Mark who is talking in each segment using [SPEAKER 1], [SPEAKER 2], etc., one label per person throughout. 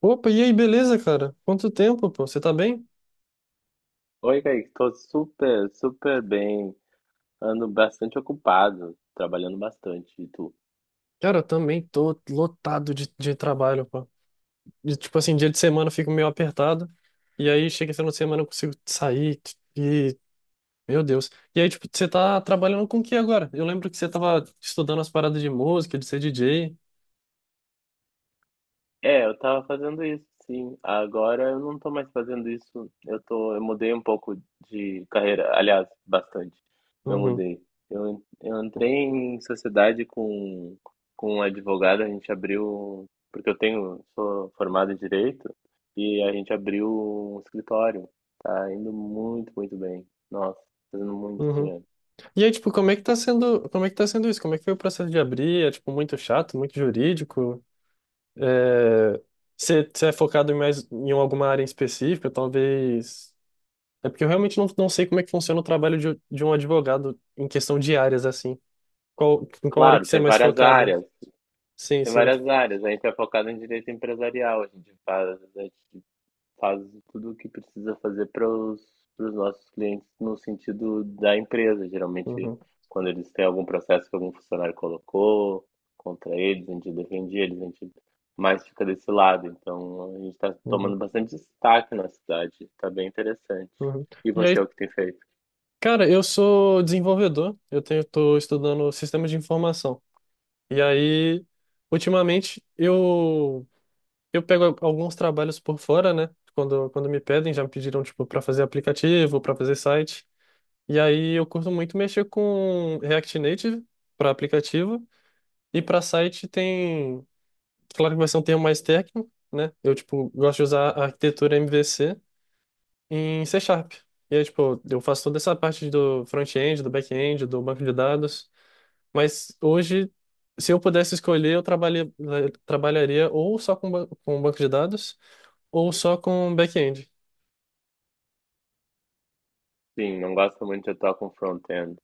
[SPEAKER 1] Opa, e aí, beleza, cara? Quanto tempo, pô? Você tá bem?
[SPEAKER 2] Oi, Kaique, estou super, super bem. Ando bastante ocupado, trabalhando bastante. E tu?
[SPEAKER 1] Cara, eu também tô lotado de trabalho, pô. E, tipo assim, dia de semana eu fico meio apertado. E aí, chega esse final de semana eu consigo sair e. Meu Deus. E aí, tipo, você tá trabalhando com o que agora? Eu lembro que você tava estudando as paradas de música, de ser DJ.
[SPEAKER 2] É, eu tava fazendo isso, sim. Agora eu não tô mais fazendo isso. Eu mudei um pouco de carreira, aliás, bastante. Eu
[SPEAKER 1] Uhum,
[SPEAKER 2] mudei. Eu entrei em sociedade com um advogado, a gente abriu, porque eu tenho, sou formado em direito, e a gente abriu um escritório. Tá indo muito, muito bem. Nossa, fazendo muito
[SPEAKER 1] uhum.
[SPEAKER 2] dinheiro.
[SPEAKER 1] E aí, tipo, como é que tá sendo, como é que tá sendo isso? Como é que foi o processo de abrir? É, tipo, muito chato, muito jurídico? É... você é focado em mais em alguma área em específica, talvez. É porque eu realmente não sei como é que funciona o trabalho de um advogado em questão de áreas, assim. Qual, em qual área que
[SPEAKER 2] Claro,
[SPEAKER 1] você é
[SPEAKER 2] tem
[SPEAKER 1] mais
[SPEAKER 2] várias
[SPEAKER 1] focada?
[SPEAKER 2] áreas.
[SPEAKER 1] Sim,
[SPEAKER 2] Tem
[SPEAKER 1] sim.
[SPEAKER 2] várias áreas. A gente é focado em direito empresarial. A gente faz tudo o que precisa fazer para os nossos clientes no sentido da empresa. Geralmente,
[SPEAKER 1] Uhum,
[SPEAKER 2] quando eles têm algum processo que algum funcionário colocou contra eles, a gente defende eles, a gente mais fica desse lado. Então, a gente está
[SPEAKER 1] uhum,
[SPEAKER 2] tomando bastante destaque na cidade. Está bem interessante.
[SPEAKER 1] uhum.
[SPEAKER 2] E
[SPEAKER 1] E
[SPEAKER 2] você, o
[SPEAKER 1] aí,
[SPEAKER 2] que tem feito?
[SPEAKER 1] cara, eu sou desenvolvedor, eu tenho, tô estudando sistemas de informação. E aí, ultimamente, eu pego alguns trabalhos por fora, né? Quando me pedem, já me pediram, tipo, para fazer aplicativo, para fazer site. E aí, eu curto muito mexer com React Native para aplicativo. E para site tem. Claro que vai ser um termo mais técnico, né? Eu, tipo, gosto de usar a arquitetura MVC em C#. E aí, tipo, eu faço toda essa parte do front-end, do back-end, do banco de dados. Mas hoje, se eu pudesse escolher, eu trabalhei, trabalharia ou só com banco de dados ou só com back-end.
[SPEAKER 2] Sim, não gosto muito de atuar com front-end.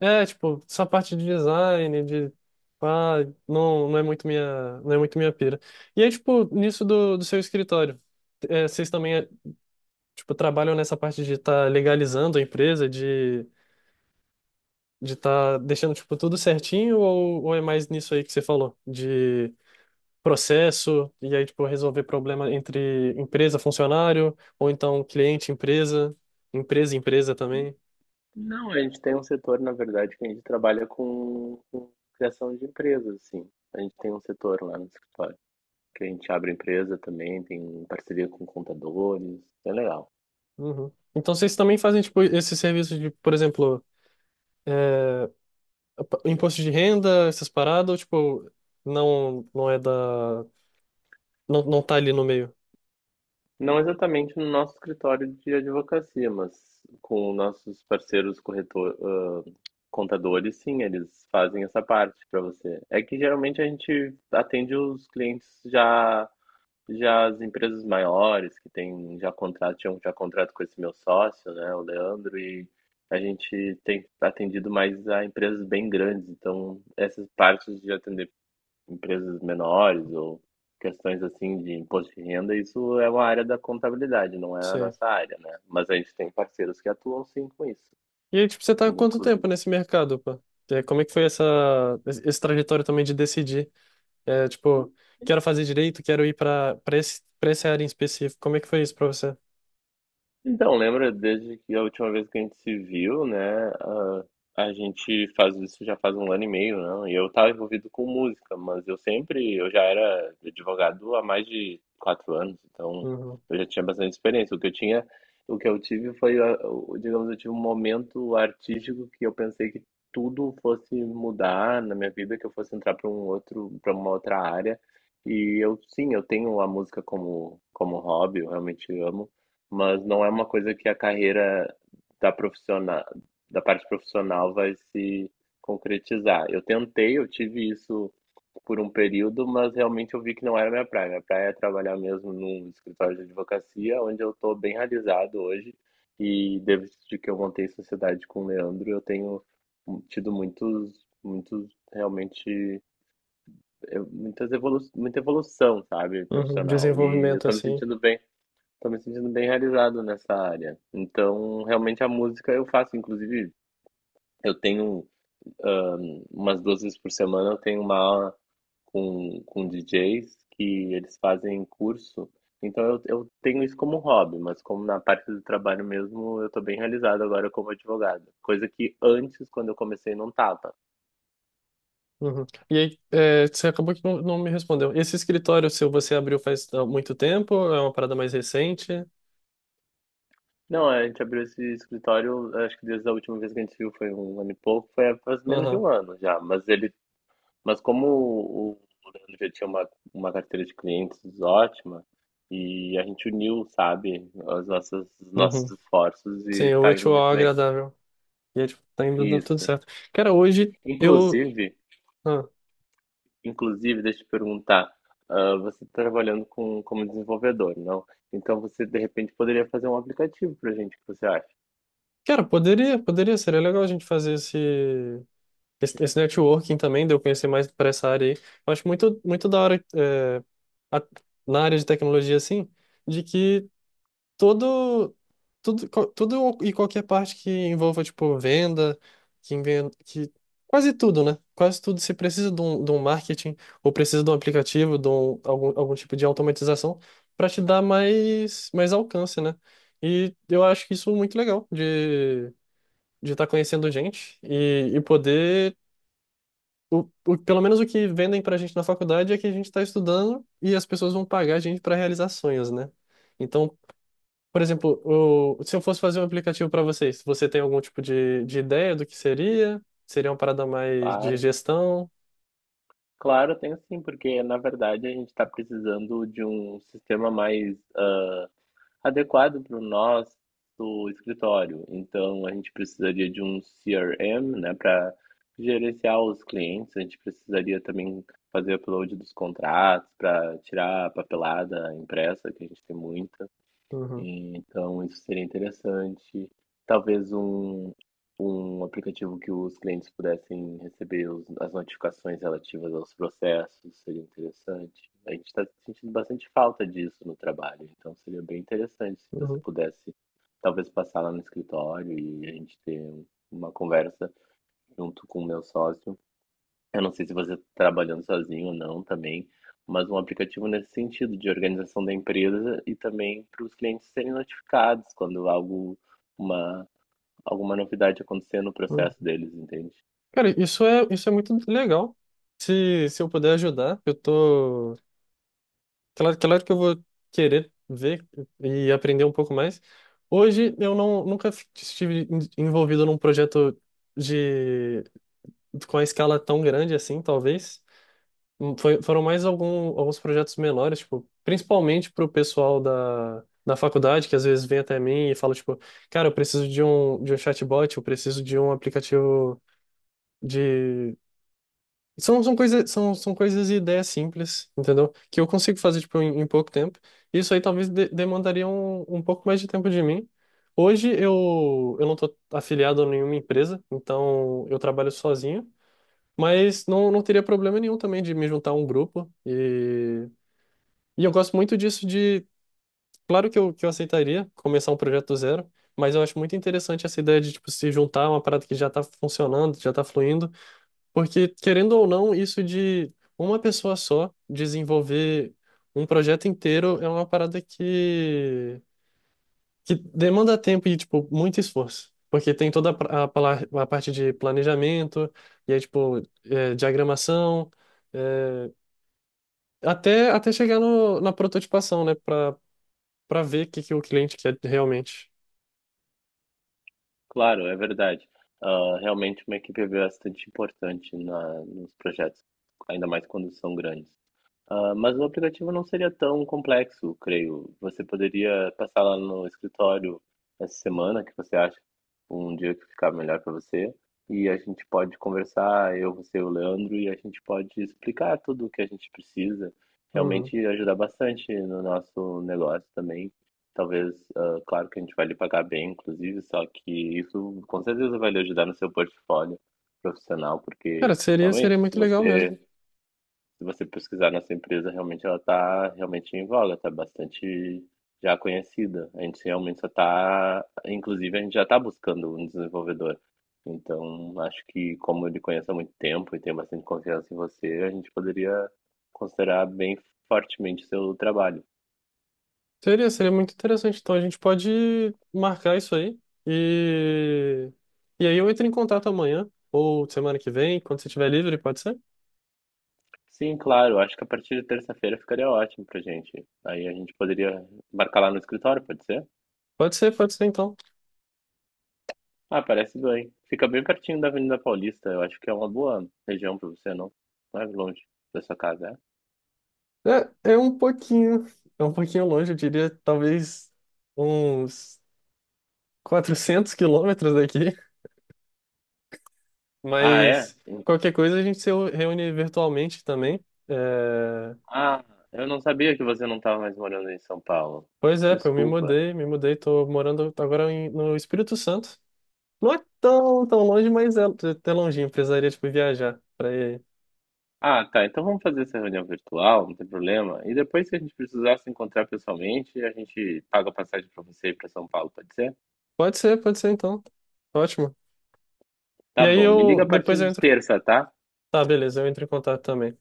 [SPEAKER 1] É, tipo, essa parte de design, de. Ah, não, não é muito minha, não é muito minha pira. E aí, tipo, nisso do seu escritório, vocês também tipo, trabalham nessa parte de estar legalizando a empresa, de estar deixando, tipo, tudo certinho, ou é mais nisso aí que você falou, de processo, e aí, tipo, resolver problema entre empresa, funcionário, ou então cliente, empresa, empresa, empresa também?
[SPEAKER 2] Não, a gente tem um setor, na verdade, que a gente trabalha com criação de empresas, assim. A gente tem um setor lá no escritório, que a gente abre empresa também, tem parceria com contadores, é legal.
[SPEAKER 1] Uhum. Então vocês também fazem, tipo, esse serviço de, por exemplo, é, imposto de renda, essas paradas, ou, tipo, não é da. Não, não tá ali no meio?
[SPEAKER 2] Não exatamente no nosso escritório de advocacia, mas com nossos parceiros corretor, contadores, sim, eles fazem essa parte para você. É que geralmente a gente atende os clientes já. Já as empresas maiores que tinham já contrato com esse meu sócio, né, o Leandro, e a gente tem atendido mais a empresas bem grandes. Então, essas partes de atender empresas menores ou questões assim de imposto de renda, isso é uma área da contabilidade, não é a
[SPEAKER 1] Sim.
[SPEAKER 2] nossa área, né? Mas a gente tem parceiros que atuam sim com isso,
[SPEAKER 1] E aí, tipo, você tá há quanto tempo
[SPEAKER 2] inclusive.
[SPEAKER 1] nesse mercado, pô? É, como é que foi essa, esse trajetório também de decidir? É, tipo, quero fazer direito, quero ir pra essa área em específico. Como é que foi isso pra você?
[SPEAKER 2] Então, lembra desde que a última vez que a gente se viu, né? A gente faz isso já faz um ano e meio, não? E eu estava envolvido com música, mas eu já era advogado há mais de 4 anos, então
[SPEAKER 1] Uhum.
[SPEAKER 2] eu já tinha bastante experiência. O que eu tive foi, digamos, eu tive um momento artístico que eu pensei que tudo fosse mudar na minha vida, que eu fosse entrar para uma outra área. E eu, sim, eu tenho a música como hobby, eu realmente amo, mas não é uma coisa que a carreira da profissional, da parte profissional vai se concretizar. Eu tentei, eu tive isso por um período, mas realmente eu vi que não era minha praia. Minha praia é trabalhar mesmo num escritório de advocacia, onde eu estou bem realizado hoje. E desde que eu montei sociedade com o Leandro, eu tenho tido muitos, muitos realmente eu- muitas evolu muita evolução, sabe,
[SPEAKER 1] Uhum.
[SPEAKER 2] profissional. E eu
[SPEAKER 1] Desenvolvimento
[SPEAKER 2] estou me
[SPEAKER 1] assim.
[SPEAKER 2] sentindo bem. Tô me sentindo bem realizado nessa área. Então, realmente a música eu faço, inclusive, eu tenho ah, umas 2 vezes por semana eu tenho uma aula com DJs que eles fazem curso. Então eu tenho isso como hobby, mas como na parte do trabalho mesmo, eu tô bem realizado agora como advogado. Coisa que antes, quando eu comecei, não tava.
[SPEAKER 1] Uhum. E aí, você acabou que não me respondeu. Esse escritório seu, você abriu faz muito tempo? É uma parada mais recente?
[SPEAKER 2] Não, a gente abriu esse escritório, acho que desde a última vez que a gente viu foi um ano e pouco, foi faz menos de
[SPEAKER 1] Aham.
[SPEAKER 2] um ano já, mas ele. Mas como o Leandro já tinha uma carteira de clientes ótima, e a gente uniu, sabe, as nossas, os
[SPEAKER 1] Uhum.
[SPEAKER 2] nossos esforços e
[SPEAKER 1] Sim, o
[SPEAKER 2] tá indo
[SPEAKER 1] útil ao
[SPEAKER 2] muito bem.
[SPEAKER 1] agradável. E aí, tipo, tá indo dando tudo
[SPEAKER 2] Isso.
[SPEAKER 1] certo. Cara, hoje eu.
[SPEAKER 2] Inclusive,
[SPEAKER 1] ah,
[SPEAKER 2] inclusive, deixa eu te perguntar, você está trabalhando com, como desenvolvedor, não? Então você, de repente, poderia fazer um aplicativo pra gente, o que você acha?
[SPEAKER 1] Cara, poderia, poderia, seria legal a gente fazer esse networking também, de eu conhecer mais para essa área aí. Eu acho muito, muito da hora, a- na área de tecnologia, assim, de que. Todo, tudo, tudo e qualquer parte que envolva, tipo, venda, que quase tudo, né? Quase tudo. Se precisa de um marketing, ou precisa de um aplicativo, algum, tipo de automatização, para te dar mais, mais alcance, né? E eu acho que isso é muito legal, de estar conhecendo gente e poder. Pelo menos o que vendem pra gente na faculdade é que a gente está estudando e as pessoas vão pagar a gente para realizar sonhos, né? Então, por exemplo, se eu fosse fazer um aplicativo para vocês, você tem algum tipo de ideia do que seria? Seria uma parada mais de
[SPEAKER 2] Claro,
[SPEAKER 1] gestão?
[SPEAKER 2] claro, eu tenho sim, porque na verdade a gente está precisando de um sistema mais adequado para o nosso escritório. Então, a gente precisaria de um CRM, né, para gerenciar os clientes. A gente precisaria também fazer upload dos contratos para tirar a papelada impressa, que a gente tem muita.
[SPEAKER 1] Uhum,
[SPEAKER 2] Então isso seria interessante. Talvez um aplicativo que os clientes pudessem receber os as notificações relativas aos processos seria interessante. A gente está sentindo bastante falta disso no trabalho, então seria bem interessante se você
[SPEAKER 1] uhum,
[SPEAKER 2] pudesse, talvez, passar lá no escritório e a gente ter uma conversa junto com o meu sócio. Eu não sei se você tá trabalhando sozinho ou não também, mas um aplicativo nesse sentido, de organização da empresa e também para os clientes serem notificados quando uma, alguma novidade acontecer no processo
[SPEAKER 1] uhum.
[SPEAKER 2] deles, entende?
[SPEAKER 1] Cara, isso é muito legal. Se eu puder ajudar, eu tô. Claro, claro que eu vou querer ver e aprender um pouco mais. Hoje eu não, nunca estive envolvido num projeto de, com a escala tão grande assim, talvez. Foi, foram mais algum, alguns projetos menores, tipo, principalmente pro pessoal da faculdade, que às vezes vem até mim e fala, tipo, cara, eu preciso de um chatbot, eu preciso de um aplicativo de. São, são coisas, são coisas e ideias simples, entendeu? Que eu consigo fazer, tipo, em pouco tempo. Isso aí talvez demandaria um pouco mais de tempo de mim. Hoje eu não tô afiliado a nenhuma empresa, então eu trabalho sozinho. Mas não, não teria problema nenhum também de me juntar a um grupo e eu gosto muito disso de. Claro que eu aceitaria começar um projeto do zero, mas eu acho muito interessante essa ideia de, tipo, se juntar a uma parada que já está funcionando, já está fluindo, porque, querendo ou não, isso de uma pessoa só desenvolver um projeto inteiro é uma parada que demanda tempo e, tipo, muito esforço. Porque tem toda a parte de planejamento, e aí, tipo, diagramação, é, até chegar no, na prototipação, né? Para ver o que que o cliente quer realmente.
[SPEAKER 2] Claro, é verdade. Ah, realmente uma equipe é bastante importante nos projetos, ainda mais quando são grandes. Ah, mas o aplicativo não seria tão complexo, creio. Você poderia passar lá no escritório essa semana, que você acha um dia que ficar melhor para você, e a gente pode conversar, eu, você e o Leandro, e a gente pode explicar tudo o que a gente precisa.
[SPEAKER 1] Uhum.
[SPEAKER 2] Realmente ajudar bastante no nosso negócio também. Talvez, claro que a gente vai lhe pagar bem, inclusive, só que isso com certeza vai lhe ajudar no seu portfólio profissional, porque
[SPEAKER 1] Cara, seria
[SPEAKER 2] realmente, se
[SPEAKER 1] muito legal mesmo.
[SPEAKER 2] você se você pesquisar nossa empresa, realmente ela está realmente em voga, está bastante já conhecida. A gente realmente só está, inclusive a gente já está buscando um desenvolvedor. Então, acho que como ele conhece há muito tempo e tem bastante confiança em você, a gente poderia considerar bem fortemente seu trabalho.
[SPEAKER 1] Seria muito interessante. Então a gente pode marcar isso aí e e aí eu entro em contato amanhã ou semana que vem, quando você estiver livre, pode ser?
[SPEAKER 2] Sim, claro, acho que a partir de terça-feira ficaria ótimo pra gente. Aí a gente poderia marcar lá no escritório, pode ser?
[SPEAKER 1] Pode ser, pode ser então.
[SPEAKER 2] Ah, parece bem. Fica bem pertinho da Avenida Paulista. Eu acho que é uma boa região pra você, não? Não é longe da sua casa, é?
[SPEAKER 1] É um pouquinho, é um pouquinho longe, eu diria, talvez uns 400 km daqui,
[SPEAKER 2] Ah, é?
[SPEAKER 1] mas qualquer coisa a gente se reúne virtualmente também.
[SPEAKER 2] Ah, eu não sabia que você não estava mais morando em São Paulo.
[SPEAKER 1] Pois é, pô, eu
[SPEAKER 2] Desculpa.
[SPEAKER 1] me mudei, tô morando agora no Espírito Santo. Não é tão, tão longe, mas é até longinho, precisaria, tipo, viajar pra ir.
[SPEAKER 2] Ah, tá. Então vamos fazer essa reunião virtual, não tem problema. E depois, se a gente precisar se encontrar pessoalmente, a gente paga a passagem pra você ir pra São Paulo, pode ser?
[SPEAKER 1] Pode ser então. Ótimo. E
[SPEAKER 2] Tá
[SPEAKER 1] aí
[SPEAKER 2] bom. Me
[SPEAKER 1] eu,
[SPEAKER 2] liga a
[SPEAKER 1] depois
[SPEAKER 2] partir
[SPEAKER 1] eu
[SPEAKER 2] de
[SPEAKER 1] entro.
[SPEAKER 2] terça, tá?
[SPEAKER 1] Tá, beleza, eu entro em contato também.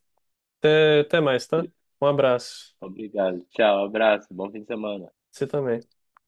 [SPEAKER 1] Até mais, tá? Um abraço.
[SPEAKER 2] Obrigado. Tchau, abraço. Bom fim de semana.
[SPEAKER 1] Você também.